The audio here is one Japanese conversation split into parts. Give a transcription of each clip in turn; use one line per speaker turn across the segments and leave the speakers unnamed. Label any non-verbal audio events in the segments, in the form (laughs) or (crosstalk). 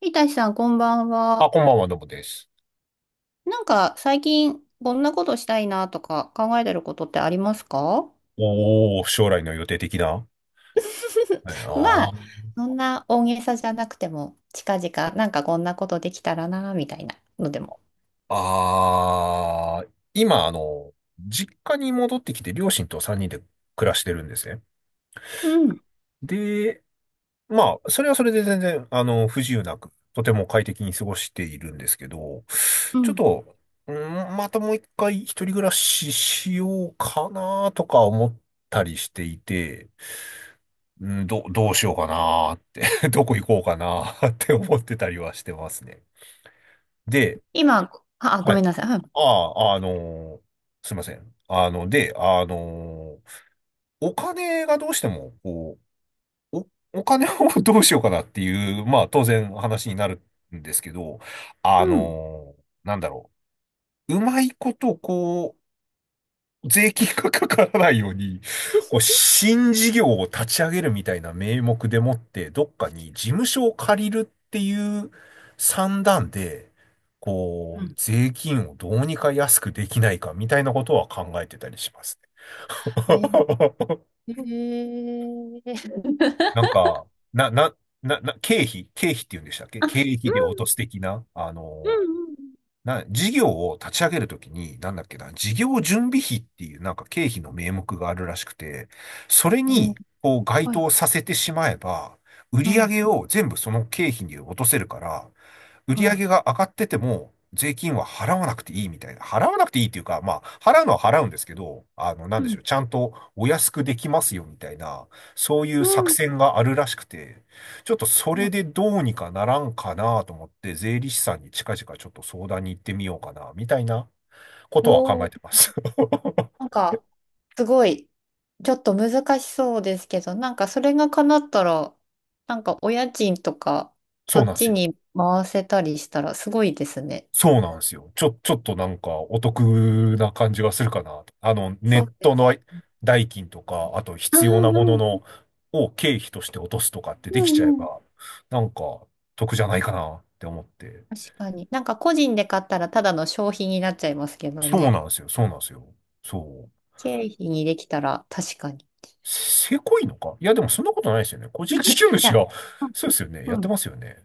いたしさん、こんばん
あ、
は。
こんばんは、どうもです。
なんか、最近、こんなことしたいなとか考えてることってありますか？
おー、将来の予定的な、
(laughs)
ええ
ま
な。
あ、そんな大げさじゃなくても、近々、なんかこんなことできたらな、みたいなのでも。
ああー、今、実家に戻ってきて、両親と3人で暮らしてるんですね。
うん、
で、まあ、それはそれで全然、不自由なく、とても快適に過ごしているんですけど、
う
ちょっ
ん。
と、うん、またもう一回一人暮らししようかなとか思ったりしていて、うん、どうしようかなって (laughs) どこ行こうかなって思ってたりはしてますね。で、
今、あ、ご
は
め
い。
んなさい。
ああ、ーすいません。で、お金がどうしても、こう、(laughs) お金を (laughs) どうしようかなっていう、まあ、当然話になるんですけど、
うん、
なんだろう。うまいこと、こう、税金がかからないように、こう、新事業を立ち上げるみたいな名目でもって、どっかに事務所を借りるっていう算段で、
う
こう、
ん。
税金をどうにか安くできないかみたいなことは考えてたりしますね。
うん。
(laughs)
ー、(laughs)
なんか、な、な、な、な、経費、経費って言うんでしたっけ、経費
う
で
ん、
落とす的な、
う
事業を立ち上げるときに、なんだっけな、事業準備費っていうなんか経費の名目があるらしくて、それ
ん、う
に
ん。
こう該当させてしまえば、売り上げを全部その経費に落とせるから、売
お、
り
は
上
い。
げが上がってても、税金は払わなくていいみたいな。払わなくていいっていうか、まあ、払うのは払うんですけど、なん
う
でしょ
ん、
う、ちゃんとお安くできますよみたいな、そうい
う
う作
ん。
戦があるらしくて、ちょっとそれでどうにかならんかなと思って、税理士さんに近々ちょっと相談に行ってみようかな、みたいなことは考え
お、
てます。(laughs)
なんか、すごい、ちょっと難しそうですけど、なんかそれが叶ったら、なんかお家賃とか、そ
そう
っ
なんです
ち
よ。
に回せたりしたらすごいですね。
そうなんですよ。ちょっとなんかお得な感じがするかなと。ネ
そ
ッ
うで
ト
す。
の代金とか、あと
ああ、
必要なもの
うん、
の、を経費として落とすとかってで
う
きちゃえ
ん、うん。
ば、なんか得じゃないかなって思って。
確かに。なんか個人で買ったらただの消費になっちゃいますけど
そう
ね。
なんですよ。そうなんですよ。そう。
経費にできたら確かに。い
せせこいのかいや、でもそんなことないですよね。個人事業主
や、
が、そうですよね。
う
や
ん、
っ
う
てま
ん、
すよね。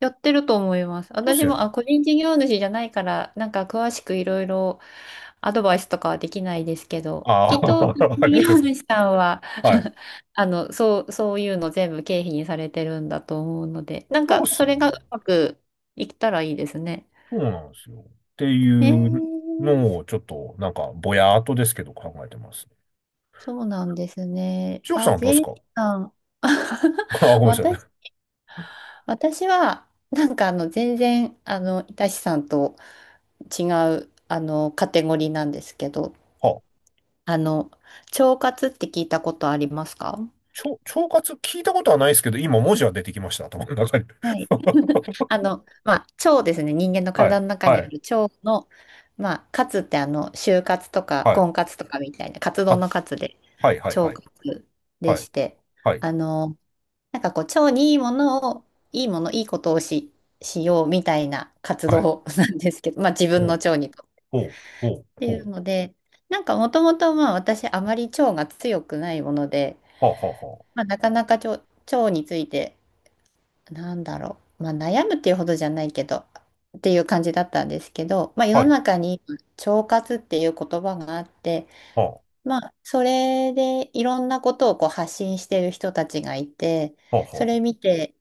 やってると思います。
そうです
私
よ
も、
ね。
あ、個人事業主じゃないから、なんか詳しくいろいろアドバイスとかはできないですけど、
あ
きっと、事
あ、(laughs) ありがとう
業
ございます。
主さんは、
はい。
(laughs) あの、そういうの全部経費にされてるんだと思うので、なん
そう
か、
です
そ
よ
れがう
ね。
まくいったらいいですね。
そうなんですよ。って
えー、
いうのを、ちょっと、なんか、ぼやーっとですけど考えてます。
そうなんですね。
千穂さ
あ、
んはどう
税
で
理
すか？
士さん。(laughs)
(laughs) あ、ごめんなさ
私、
い。
私は、なんかあの、全然、あの、いたしさんと違う、あの、カテゴリーなんですけど、
あ、
あの、腸活って聞いたことありますか？
腸活聞いたことはないですけど、今文字は出てきました、頭の中に。
はい。
(laughs)
(laughs) あの、まあ、腸ですね。人間の
は
体
い、
の中
は
にあ
い、
る腸の、まあ、カツってあの、就活とか、
はい。
婚活とかみたいな、カツ
あ、
丼のカツで、
はい、はい、
腸
はい、
活で
はい、
して、
はい、
あの、なんかこう、腸にいいものを、いいもの、いいことをしようみたいな活
はい。
動 (laughs) なんですけど、まあ、自分
ほ
の
う、
腸にと。
ほう、
っ
ほう、
てい
ほ
う
う。
ので、なんかもともと、まあ、私、あまり腸が強くないもので、
はあ、はあ、は
まあ、なかなか腸、腸について、なんだろう、まあ、悩むっていうほどじゃないけどっていう感じだったんですけど、まあ、
あ。
世
は
の
い、
中に今腸活っていう言葉があって、
はあ、は
まあ、それでいろんなことをこう発信してる人たちがいて、
あ、はあ、
それ
は、
見て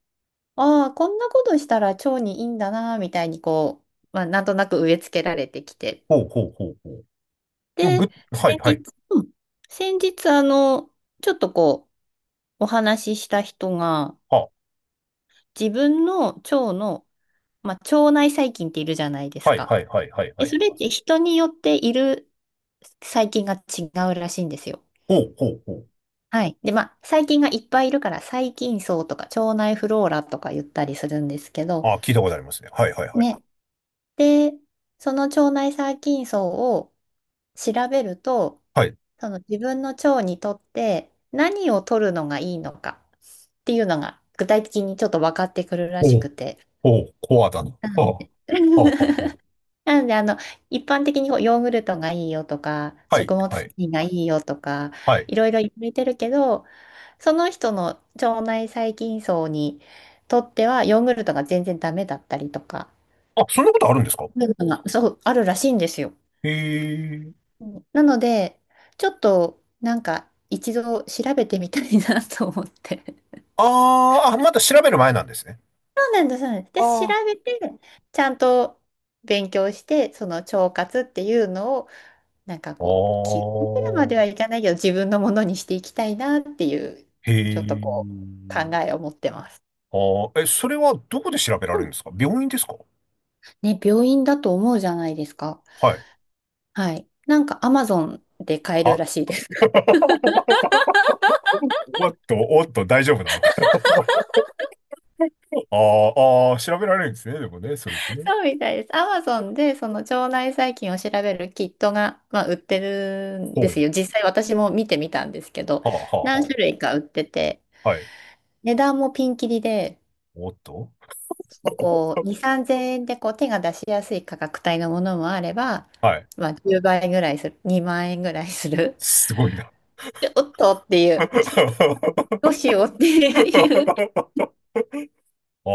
ああこんなことしたら腸にいいんだなみたいにこう、まあ、なんとなく植え付けられてきて、
ほう、ほう、ほう、ほう。
で、
ぐ、はい、
先
はい。
日、うん、先日あの、ちょっとこうお話しした人が
は
自分の腸の、まあ、腸内細菌っているじゃないで
あ、
す
はい、
か。
はい、はい、はい、
で、
はい。
それって人によっている細菌が違うらしいんですよ。
ほう、ほう、ほう。
はい。で、まあ、細菌がいっぱいいるから、細菌層とか腸内フローラとか言ったりするんですけど、
あ、聞いたことありますね。はい、はい、はい。
ね。で、その腸内細菌層を調べると、
はい。
その自分の腸にとって何を取るのがいいのかっていうのが具体的にちょっと分かってくるらし
お
く
う、
て。
おう、コアだな。
う
あ
ん、
あ、ああ、あ
(laughs)
あ、
なので、あの、一般的にこうヨーグルトがいいよとか、
はい、
食物
は
繊
い、
維がいいよとか、
はい。
いろいろ言われてるけど、その人の腸内細菌層にとっては、ヨーグルトが全然ダメだったりとか、
あ、そんなことあるんですか？
そういうのが、そう、あるらしいんですよ。
へえ。
うん、なので、ちょっと、なんか、一度調べてみたいなと思って。
あーあ、まだ調べる前なんですね。
そうなんです、そうなんです。
あ
で、
あ。
調べて、ちゃんと勉強して、その腸活っていうのを、なんかこう、気
あ
がめるまでは
あ、
いかないけど、自分のものにしていきたいなっていう、
へ
ちょっとこう、
え。
考えを持ってます。
ああ、え、それはどこで調べら
う
れるん
ん、
ですか？病院ですか？
ね、病院だと思うじゃないですか。
はい。
はい。なんかアマゾンで買え
は、
るらしいです。
おっと、おっと、大丈夫なのか。(laughs) ああ、ああ、調べられるんですね。でもね、それで
(laughs)
ね。
そうみたいです。アマゾンでその腸内細菌を調べるキットが、まあ、売ってるん
ほ
で
う。
すよ。実際私も見てみたんですけど、
はあ、はあ、
何
は
種類か売ってて、
あ。はい。
値段もピンキリで、
おっと。
もうこう、2、3000円でこう手が出しやすい価格帯のものもあれば、
はい。
まあ、10倍ぐらいする、2万円ぐらいする、
すごいな。
(laughs) ちょっとっていう、ちょっとどうしようっていう
(laughs) (laughs) あ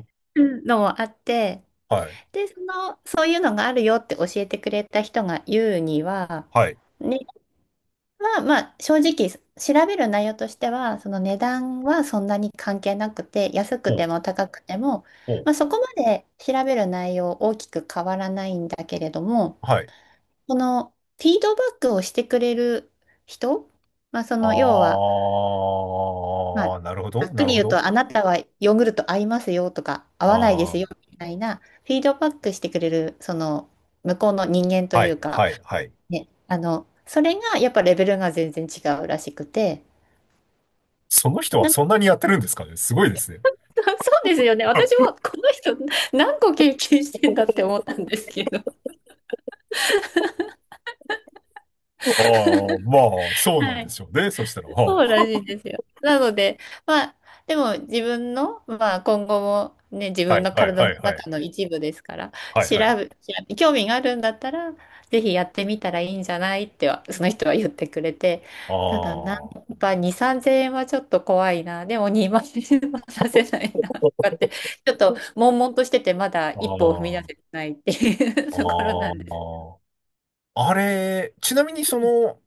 あ、
のもあって、
はい、
で、その、そういうのがあるよって教えてくれた人が言うには、
はい。
値段は、まあ、正直、調べる内容としては、その値段はそんなに関係なくて、安く
お、
ても高くても、
お、
まあ、そこまで調べる内容大きく変わらないんだけれども、
はい。
このフィードバックをしてくれる人、まあ、その要は、
あ
まあ、
あ、なるほ
ざ
ど、
っく
なる
り
ほ
言う
ど。
と、あなたはヨーグルト合いますよとか、合わないで
あ
すよみたいな、フィードバックしてくれる、その向こうの人間と
あ、は
い
い、
うか、
はい、はい。
ね、あの、それがやっぱレベルが全然違うらしくて、
その人は
な、 (laughs) そ
そんなにやってるんですかね、すごいですね。
うですよね。
(laughs) あ
私もこの人何個経験してんだって思ったんですけど。
あ、まあ、そうなん
は
で
い、
しょうね。そしたら、は
そうらしいですよ。なので、まあ、でも自分の、まあ、今後もね、自
あ、は
分
い、
の
はい、
体
は
の
い、はい、
中の一部ですから、
はい、
調
はい。
べ、調べ興味があるんだったら、ぜひやってみたらいいんじゃないっては、その人は言ってくれて、
あ
ただな、
あ、
やっぱ2、3 0円はちょっと怖いな、でも2万円は出せないな、とかって、ちょっと悶々としてて、まだ
あ
一歩を踏み出せ
あ、
てないっていう (laughs) ところな
あ
んです。
あ、あれ、ちなみに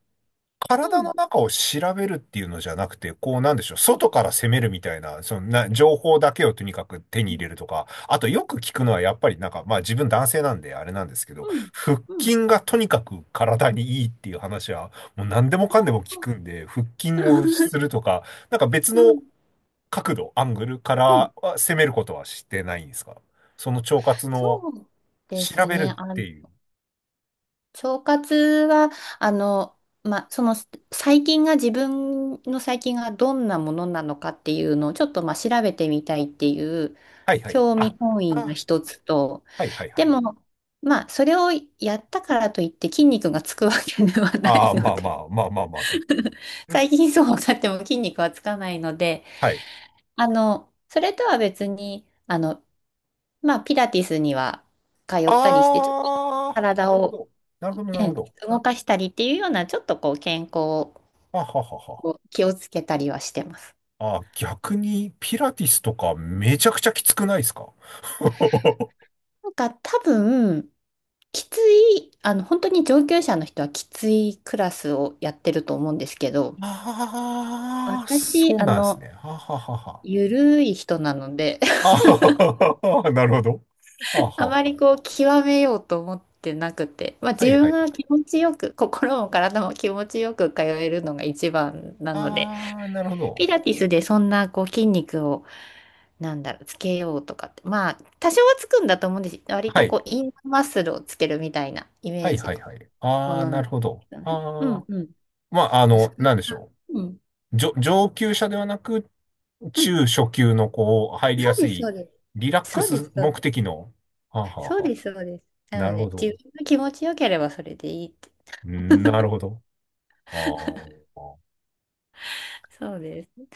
体の中を調べるっていうのじゃなくて、こう、なんでしょう、外から攻めるみたいな、情報だけをとにかく手に入れるとか、あとよく聞くのはやっぱりなんか、まあ自分男性なんであれなんですけど、腹
うん。
筋がとにかく体にいいっていう話は、もう何でも
う
かんでも
ん。
聞くんで、腹筋をするとか、なんか別
う
の
ん。
角度、アングルか
うん、
らは攻めることはしてないんですか？その腸活の
そうで
調
す
べる
ね。あ
って
の、
いう。
腸活は、あの、まあ、その細菌が自分の細菌がどんなものなのかっていうのをちょっとまあ調べてみたいっていう
はいはい。
興
あ、
味本位が
あ、
一つと、
はいはいは
で
い。
も、まあ、それをやったからといって筋肉がつくわけではない
ああ、
の
まあま
で、
あまあまあまあ。そう。
(laughs) 最近そうなっても筋肉はつかないので、
はい。
あの、それとは別に、あの、まあ、ピラティスには通ったりして、ちょっと
あー、
体
なるほ
を
ど。なる
え
ほど、なるほ
え
ど。
動かしたりっていうような、ちょっとこう健康を
あははは。
気をつけたりはしてます。
あ、逆にピラティスとかめちゃくちゃきつくないですか？ (laughs)
なんか多分、きつい、あの、本当に上級者の人はきついクラスをやってると思うんですけど、
ああ、そ
私、
う
あ
なんですね。
の、
はははは。
ゆるい人なので、
あ
(laughs)
はは (laughs) なるほど。あは
あま
は。
りこう、極めようと思ってなくて、まあ
は
自
いは
分
い。
が気持ちよく、心も体も気持ちよく通えるのが一番なので、
ああ、なるほど。
ピラティスでそんなこう筋肉を、なんだろう、つけようとかって。まあ、多少はつくんだと思うんです。割
は
と
い。
こう、インナーマッスルをつけるみたいなイメ
は
ー
い
ジ
はい
の
はい。
も
ああ、
のな
な
んで
る
す
ほど。
けどね。う
ああ。
ん、うん。
まあ、
それ
な
が、
んでしょ
うん、
う。上級者ではなく、
うん。
中初級のこう、入り
そ
や
う
す
です、そ
い、
うです。
リラック
そうで
ス
す、そう
目
です。
的の。はあ、は
そ
あ、
う
は
です、そうです。
あ、
な
な
の
るほ
で、自
ど。
分が気持ちよければそれでいいって。
うん、なるほど。ああ。
そうです。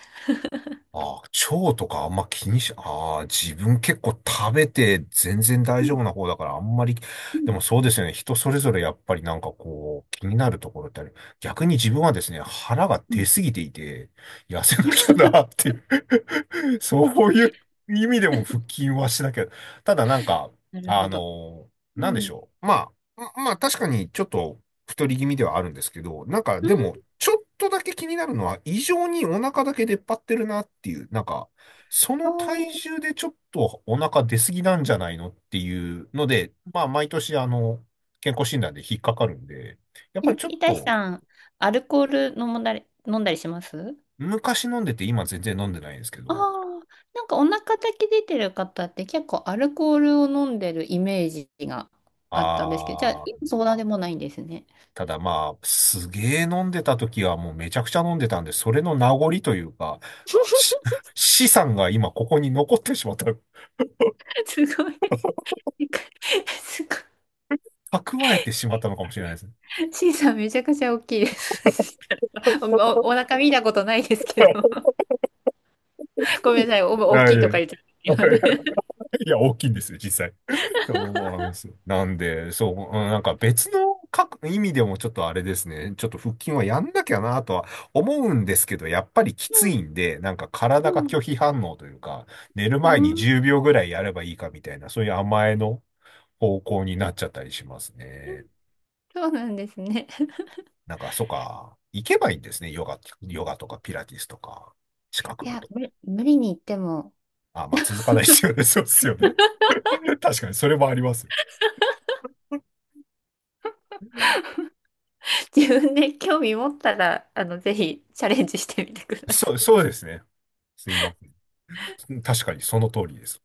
あ、腸とかあんま気にし、ああ、自分結構食べて全然
う
大丈
ん、
夫な方だからあんまり、
う
で
ん、
もそうですよね。人それぞれやっぱりなんかこう、気になるところってある。逆に自分はですね、腹が
う
出
ん。
すぎていて、痩せなきゃなっ
(laughs)
ていう (laughs) そういう意味でも腹筋はしなきゃ。ただなんか、
なる
あ
ほど。
の
う
なんでし
ん。
ょう。まあ、ままあ確かにちょっと太り気味ではあるんですけど、なんか
う
で
ん。
も、ちょっとだけ気になるのは、異常にお腹だけ出っ張ってるなっていう、なんか、そ
お
の体
ー、
重でちょっとお腹出過ぎなんじゃないのっていうので、まあ、毎年、健康診断で引っかかるんで、やっぱりちょっ
ひたし
と、
さん、アルコール飲んだりします？
昔飲んでて、今全然飲んでないんですけ
ああ、
ど、
なんかお腹だけ出てる方って結構アルコールを飲んでるイメージがあったんですけど、じゃあ、
あー、
今そうなでもないんですね。
ただまあ、すげー飲んでた時はもうめちゃくちゃ飲んでたんで、それの名残というか、し (laughs) 資産が今ここに残ってしまった、
(laughs) すごい。(laughs) すごい。
蓄えてしまったのかもしれないですね。
シーさんめちゃくちゃ大きいです。(laughs) お腹見たことないですけど。(laughs) ごめんなさい。お、大
あ、い
きい
やい
とか
や、
言っちゃった。
(laughs)
今ね、
いや大きいんですよ、実際。(laughs) そうなんですよ。なんで、そう、うん、なんか別の各意味でもちょっとあれですね。ちょっと腹筋はやんなきゃなとは思うんですけど、やっぱりきついんで、なんか体が
うん、
拒否反応というか、寝る
う
前に
ん、
10秒ぐらいやればいいかみたいな、そういう甘えの方向になっちゃったりしますね。
そうなんですね。
なんか、そうか、行けばいいんですね。ヨガ、ヨガとかピラティスとか、近
い
くの。
や、無理に言っても、
あ、まあ続かないですよね。(laughs) そうですよね。(laughs) 確かに、それもあります。
(laughs) 自分で興味持ったら、あの、ぜひチャレンジしてみてくださ
そ
い。
う、そうですね。すいません。確かに、その通りです。